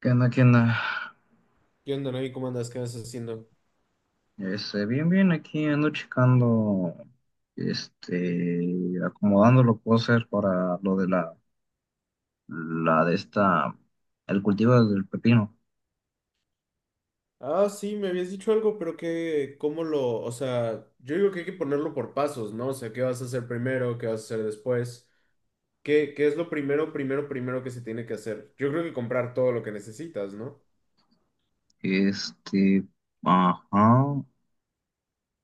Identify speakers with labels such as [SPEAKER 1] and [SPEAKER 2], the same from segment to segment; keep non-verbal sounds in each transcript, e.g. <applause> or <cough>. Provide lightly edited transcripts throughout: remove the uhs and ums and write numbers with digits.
[SPEAKER 1] ¿Qué onda? ¿Qué onda?
[SPEAKER 2] ¿Qué onda, Navi? ¿Cómo andas? ¿Qué andas haciendo?
[SPEAKER 1] Bien, bien, aquí ando checando, este, acomodando lo que puedo hacer para lo de la de esta, el cultivo del pepino.
[SPEAKER 2] Ah, sí, me habías dicho algo, pero que, ¿cómo lo, o sea, yo digo que hay que ponerlo por pasos, ¿no? O sea, ¿qué vas a hacer primero? ¿Qué vas a hacer después? ¿Qué, qué es lo primero que se tiene que hacer? Yo creo que comprar todo lo que necesitas, ¿no?
[SPEAKER 1] Este, ajá,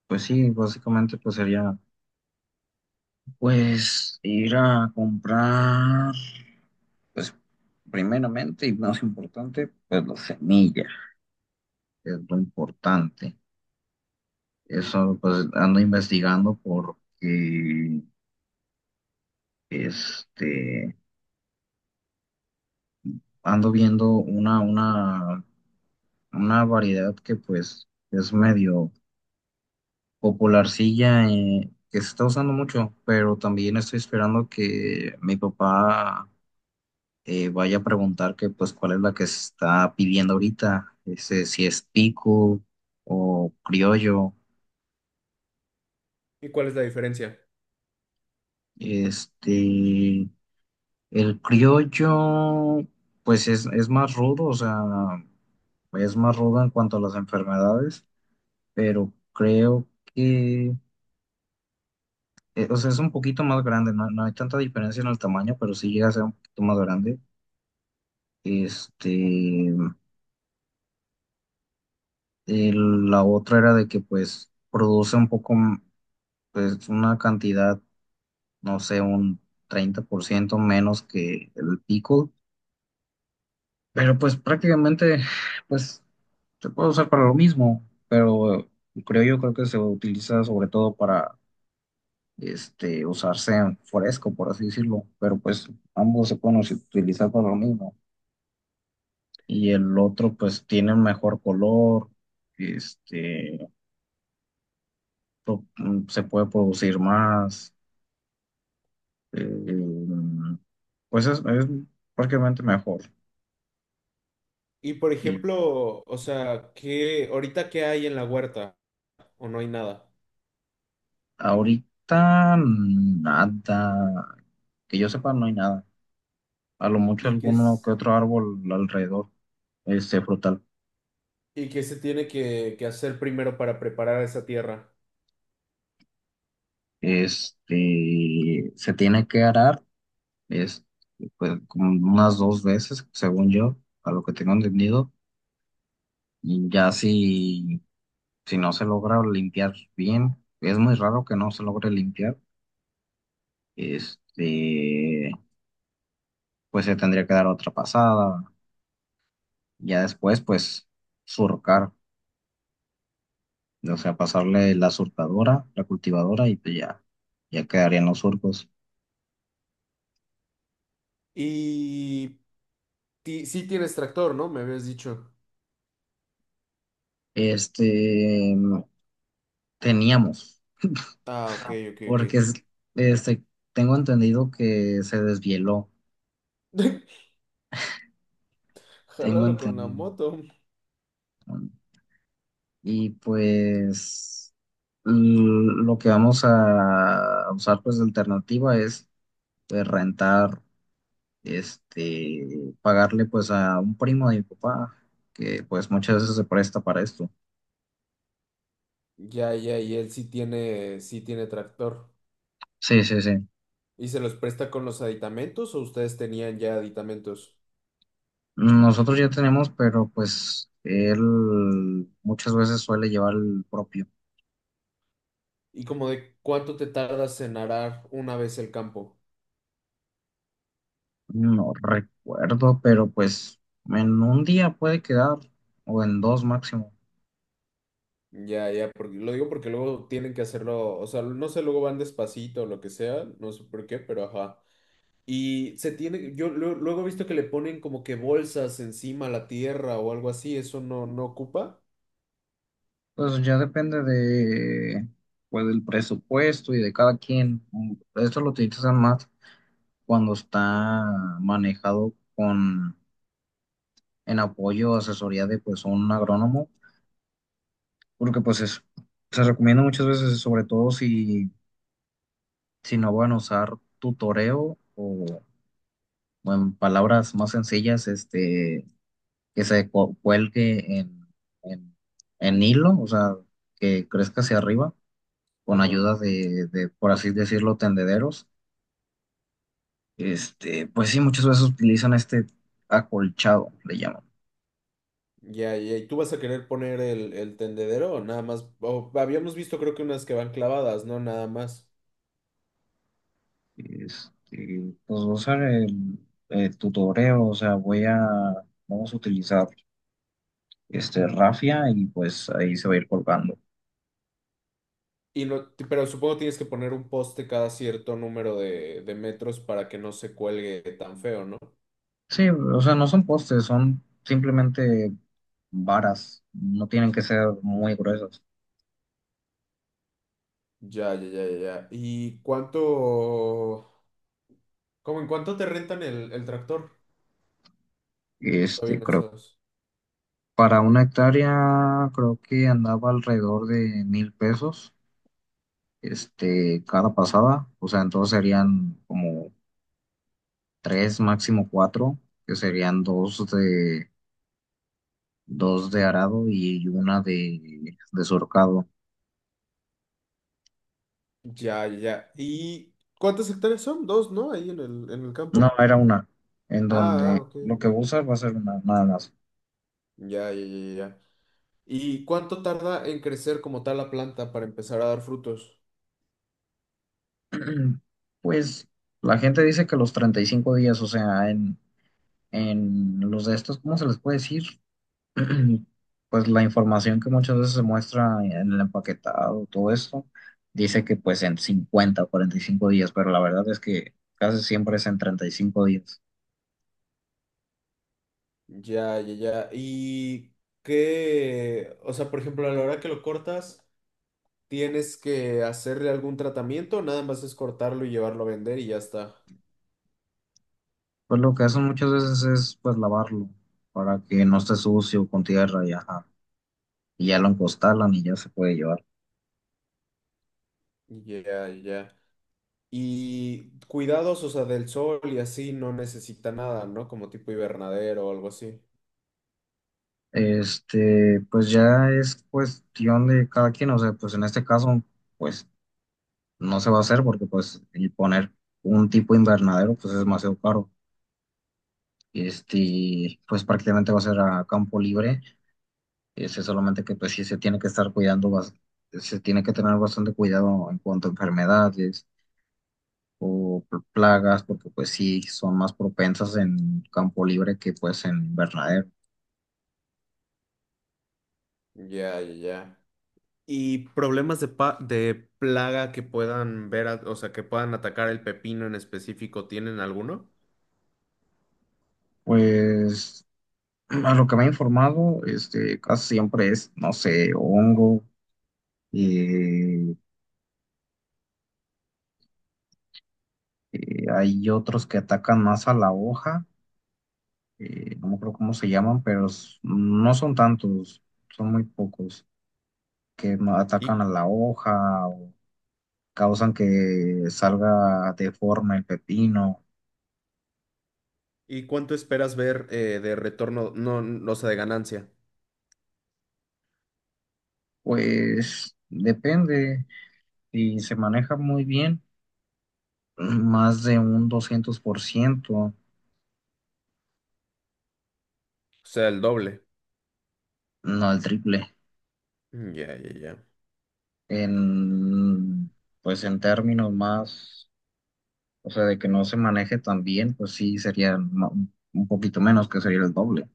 [SPEAKER 1] pues sí, básicamente pues sería, pues, ir a comprar, pues, primeramente y más importante, pues la semilla, que es lo importante. Eso, pues, ando investigando porque Este, ando viendo una variedad que pues es medio popularcilla, que se está usando mucho, pero también estoy esperando que mi papá vaya a preguntar que pues cuál es la que se está pidiendo ahorita, si es pico o criollo.
[SPEAKER 2] ¿Y cuál es la diferencia?
[SPEAKER 1] Este, el criollo pues es más rudo, o sea, es más rudo en cuanto a las enfermedades, pero creo que, o sea, es un poquito más grande, no, no hay tanta diferencia en el tamaño, pero sí llega a ser un poquito más grande. Este, la otra era de que pues produce un poco, pues una cantidad, no sé, un 30% menos que el pickle, pero pues prácticamente, pues se puede usar para lo mismo, pero creo yo creo que se utiliza sobre todo para usarse en fresco, por así decirlo, pero pues ambos se pueden utilizar para lo mismo. Y el otro pues tiene un mejor color, este, se puede producir más, eh, pues es prácticamente mejor.
[SPEAKER 2] Y por
[SPEAKER 1] Eh,
[SPEAKER 2] ejemplo, o sea, ¿qué, ahorita qué hay en la huerta? ¿O no hay nada?
[SPEAKER 1] ahorita nada, que yo sepa no hay nada, a lo mucho
[SPEAKER 2] ¿Y qué
[SPEAKER 1] alguno
[SPEAKER 2] es,
[SPEAKER 1] que otro árbol alrededor, este frutal.
[SPEAKER 2] y qué se tiene que hacer primero para preparar esa tierra?
[SPEAKER 1] Se tiene que arar, es pues, como unas dos veces, según yo, a lo que tengo entendido, y ya si, si no se logra limpiar bien, es muy raro que no se logre limpiar, este, pues se tendría que dar otra pasada, ya después pues surcar, o sea, pasarle la surcadora, la cultivadora y pues ya, ya quedarían los surcos.
[SPEAKER 2] Y sí tienes tractor, ¿no? Me habías dicho.
[SPEAKER 1] Este, teníamos,
[SPEAKER 2] Ah, ok, ok, ok.
[SPEAKER 1] porque este, tengo entendido que se desvieló.
[SPEAKER 2] <laughs>
[SPEAKER 1] Tengo
[SPEAKER 2] Jálalo con la
[SPEAKER 1] entendido,
[SPEAKER 2] moto.
[SPEAKER 1] ¿no? Y pues lo que vamos a usar pues de alternativa es, pues, rentar, pagarle pues a un primo de mi papá, que pues muchas veces se presta para esto.
[SPEAKER 2] Ya, ya, y él sí tiene tractor.
[SPEAKER 1] Sí, sí, sí.
[SPEAKER 2] ¿Y se los presta con los aditamentos o ustedes tenían ya aditamentos?
[SPEAKER 1] Nosotros ya tenemos, pero pues él muchas veces suele llevar el propio.
[SPEAKER 2] ¿Y como de cuánto te tardas en arar una vez el campo?
[SPEAKER 1] No recuerdo, pero pues en un día puede quedar, o en dos máximo.
[SPEAKER 2] Ya, ya, porque lo digo porque luego tienen que hacerlo, o sea, no sé, luego van despacito o lo que sea, no sé por qué, pero ajá. Y se tiene, yo luego he visto que le ponen como que bolsas encima a la tierra o algo así, eso no, no ocupa.
[SPEAKER 1] Pues ya depende de, pues, del presupuesto y de cada quien. Esto lo utilizan más cuando está manejado con, en apoyo o asesoría de, pues, un agrónomo, porque, pues, se recomienda muchas veces, sobre todo si, si no van a usar tutoreo o en palabras más sencillas, que se cuelgue en, en, en hilo, o sea, que crezca hacia arriba con
[SPEAKER 2] Ajá.
[SPEAKER 1] ayuda de, por así decirlo, tendederos, pues sí, muchas veces utilizan este acolchado, le llaman.
[SPEAKER 2] Ya, ya, ¿y tú vas a querer poner el tendedero o nada más? O habíamos visto creo que unas que van clavadas, ¿no? Nada más.
[SPEAKER 1] Pues voy a usar el tutoreo, o sea, vamos a utilizar este rafia y pues ahí se va a ir colgando.
[SPEAKER 2] Y no, pero supongo tienes que poner un poste cada cierto número de metros para que no se cuelgue tan feo, ¿no?
[SPEAKER 1] Sí, o sea, no son postes, son simplemente varas, no tienen que ser muy gruesas.
[SPEAKER 2] Ya, ya, ya, ya. Ya. ¿Y cuánto, como en cuánto te rentan el tractor? ¿O todavía no
[SPEAKER 1] Creo,
[SPEAKER 2] sabes?
[SPEAKER 1] para una hectárea creo que andaba alrededor de 1,000 pesos, cada pasada, o sea, entonces serían como tres, máximo cuatro, que serían dos de arado y una de surcado.
[SPEAKER 2] Ya, ya, ya. ¿Y cuántas hectáreas son? Dos, ¿no? Ahí en el
[SPEAKER 1] No,
[SPEAKER 2] campo.
[SPEAKER 1] era una, en
[SPEAKER 2] Ah, ah,
[SPEAKER 1] donde
[SPEAKER 2] ok,
[SPEAKER 1] lo que
[SPEAKER 2] ok.
[SPEAKER 1] voy a usar va a ser una, nada más.
[SPEAKER 2] Ya, ya, ya, ya. ¿Y cuánto tarda en crecer como tal la planta para empezar a dar frutos?
[SPEAKER 1] <clears throat> Pues la gente dice que los 35 días, o sea, en los de estos, ¿cómo se les puede decir? <clears throat> Pues la información que muchas veces se muestra en el empaquetado, todo esto, dice que pues en 50 o 45 días, pero la verdad es que casi siempre es en 35 días.
[SPEAKER 2] Ya, ya, ya. ¿Y qué? O sea, por ejemplo, a la hora que lo cortas, ¿tienes que hacerle algún tratamiento? Nada más es cortarlo y llevarlo a vender y ya está.
[SPEAKER 1] Pues lo que hacen muchas veces es pues lavarlo para que no esté sucio con tierra y ajá, y ya lo encostalan y ya se puede llevar.
[SPEAKER 2] Ya, ya. Y cuidados, o sea, del sol y así no necesita nada, ¿no? Como tipo invernadero o algo así.
[SPEAKER 1] Pues ya es cuestión de cada quien, o sea, pues en este caso, pues no se va a hacer porque pues el poner un tipo invernadero pues es demasiado caro. Pues prácticamente va a ser a campo libre. Solamente que pues sí se tiene que estar cuidando, se tiene que tener bastante cuidado en cuanto a enfermedades o plagas, porque pues sí son más propensas en campo libre que pues en invernadero.
[SPEAKER 2] Ya, ya, ya. Y problemas de, de plaga que puedan ver, a- o sea, que puedan atacar el pepino en específico, ¿tienen alguno?
[SPEAKER 1] Pues a lo que me he informado, casi siempre es, no sé, hongo, eh, hay otros que atacan más a la hoja, no me acuerdo cómo se llaman, pero no son tantos, son muy pocos, que atacan a
[SPEAKER 2] ¿Y,
[SPEAKER 1] la hoja o causan que salga deforme el pepino.
[SPEAKER 2] y cuánto esperas ver de retorno, no, no, o sea, de ganancia?
[SPEAKER 1] Pues depende, si se maneja muy bien, más de un 200%,
[SPEAKER 2] O sea, el doble.
[SPEAKER 1] no, el triple,
[SPEAKER 2] Mm, ya, ya, ya.
[SPEAKER 1] en, pues en términos más, o sea, de que no se maneje tan bien, pues sí sería un poquito menos, que sería el doble.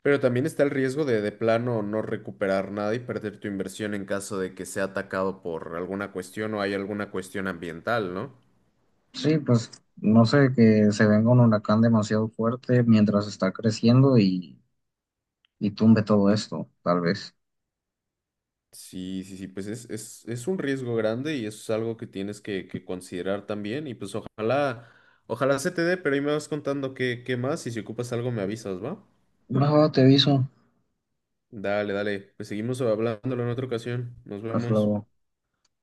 [SPEAKER 2] Pero también está el riesgo de plano no recuperar nada y perder tu inversión en caso de que sea atacado por alguna cuestión o hay alguna cuestión ambiental, ¿no?
[SPEAKER 1] Sí, pues no sé, que se venga un huracán demasiado fuerte mientras está creciendo y tumbe todo esto, tal vez.
[SPEAKER 2] Sí, sí, sí, pues es un riesgo grande y eso es algo que tienes que considerar también y pues ojalá, ojalá se te dé, pero ahí me vas contando qué, qué más y si ocupas algo me avisas, ¿va?
[SPEAKER 1] Va, va, te aviso.
[SPEAKER 2] Dale, dale, pues seguimos hablándolo en otra ocasión, nos
[SPEAKER 1] Hasta
[SPEAKER 2] vemos.
[SPEAKER 1] luego.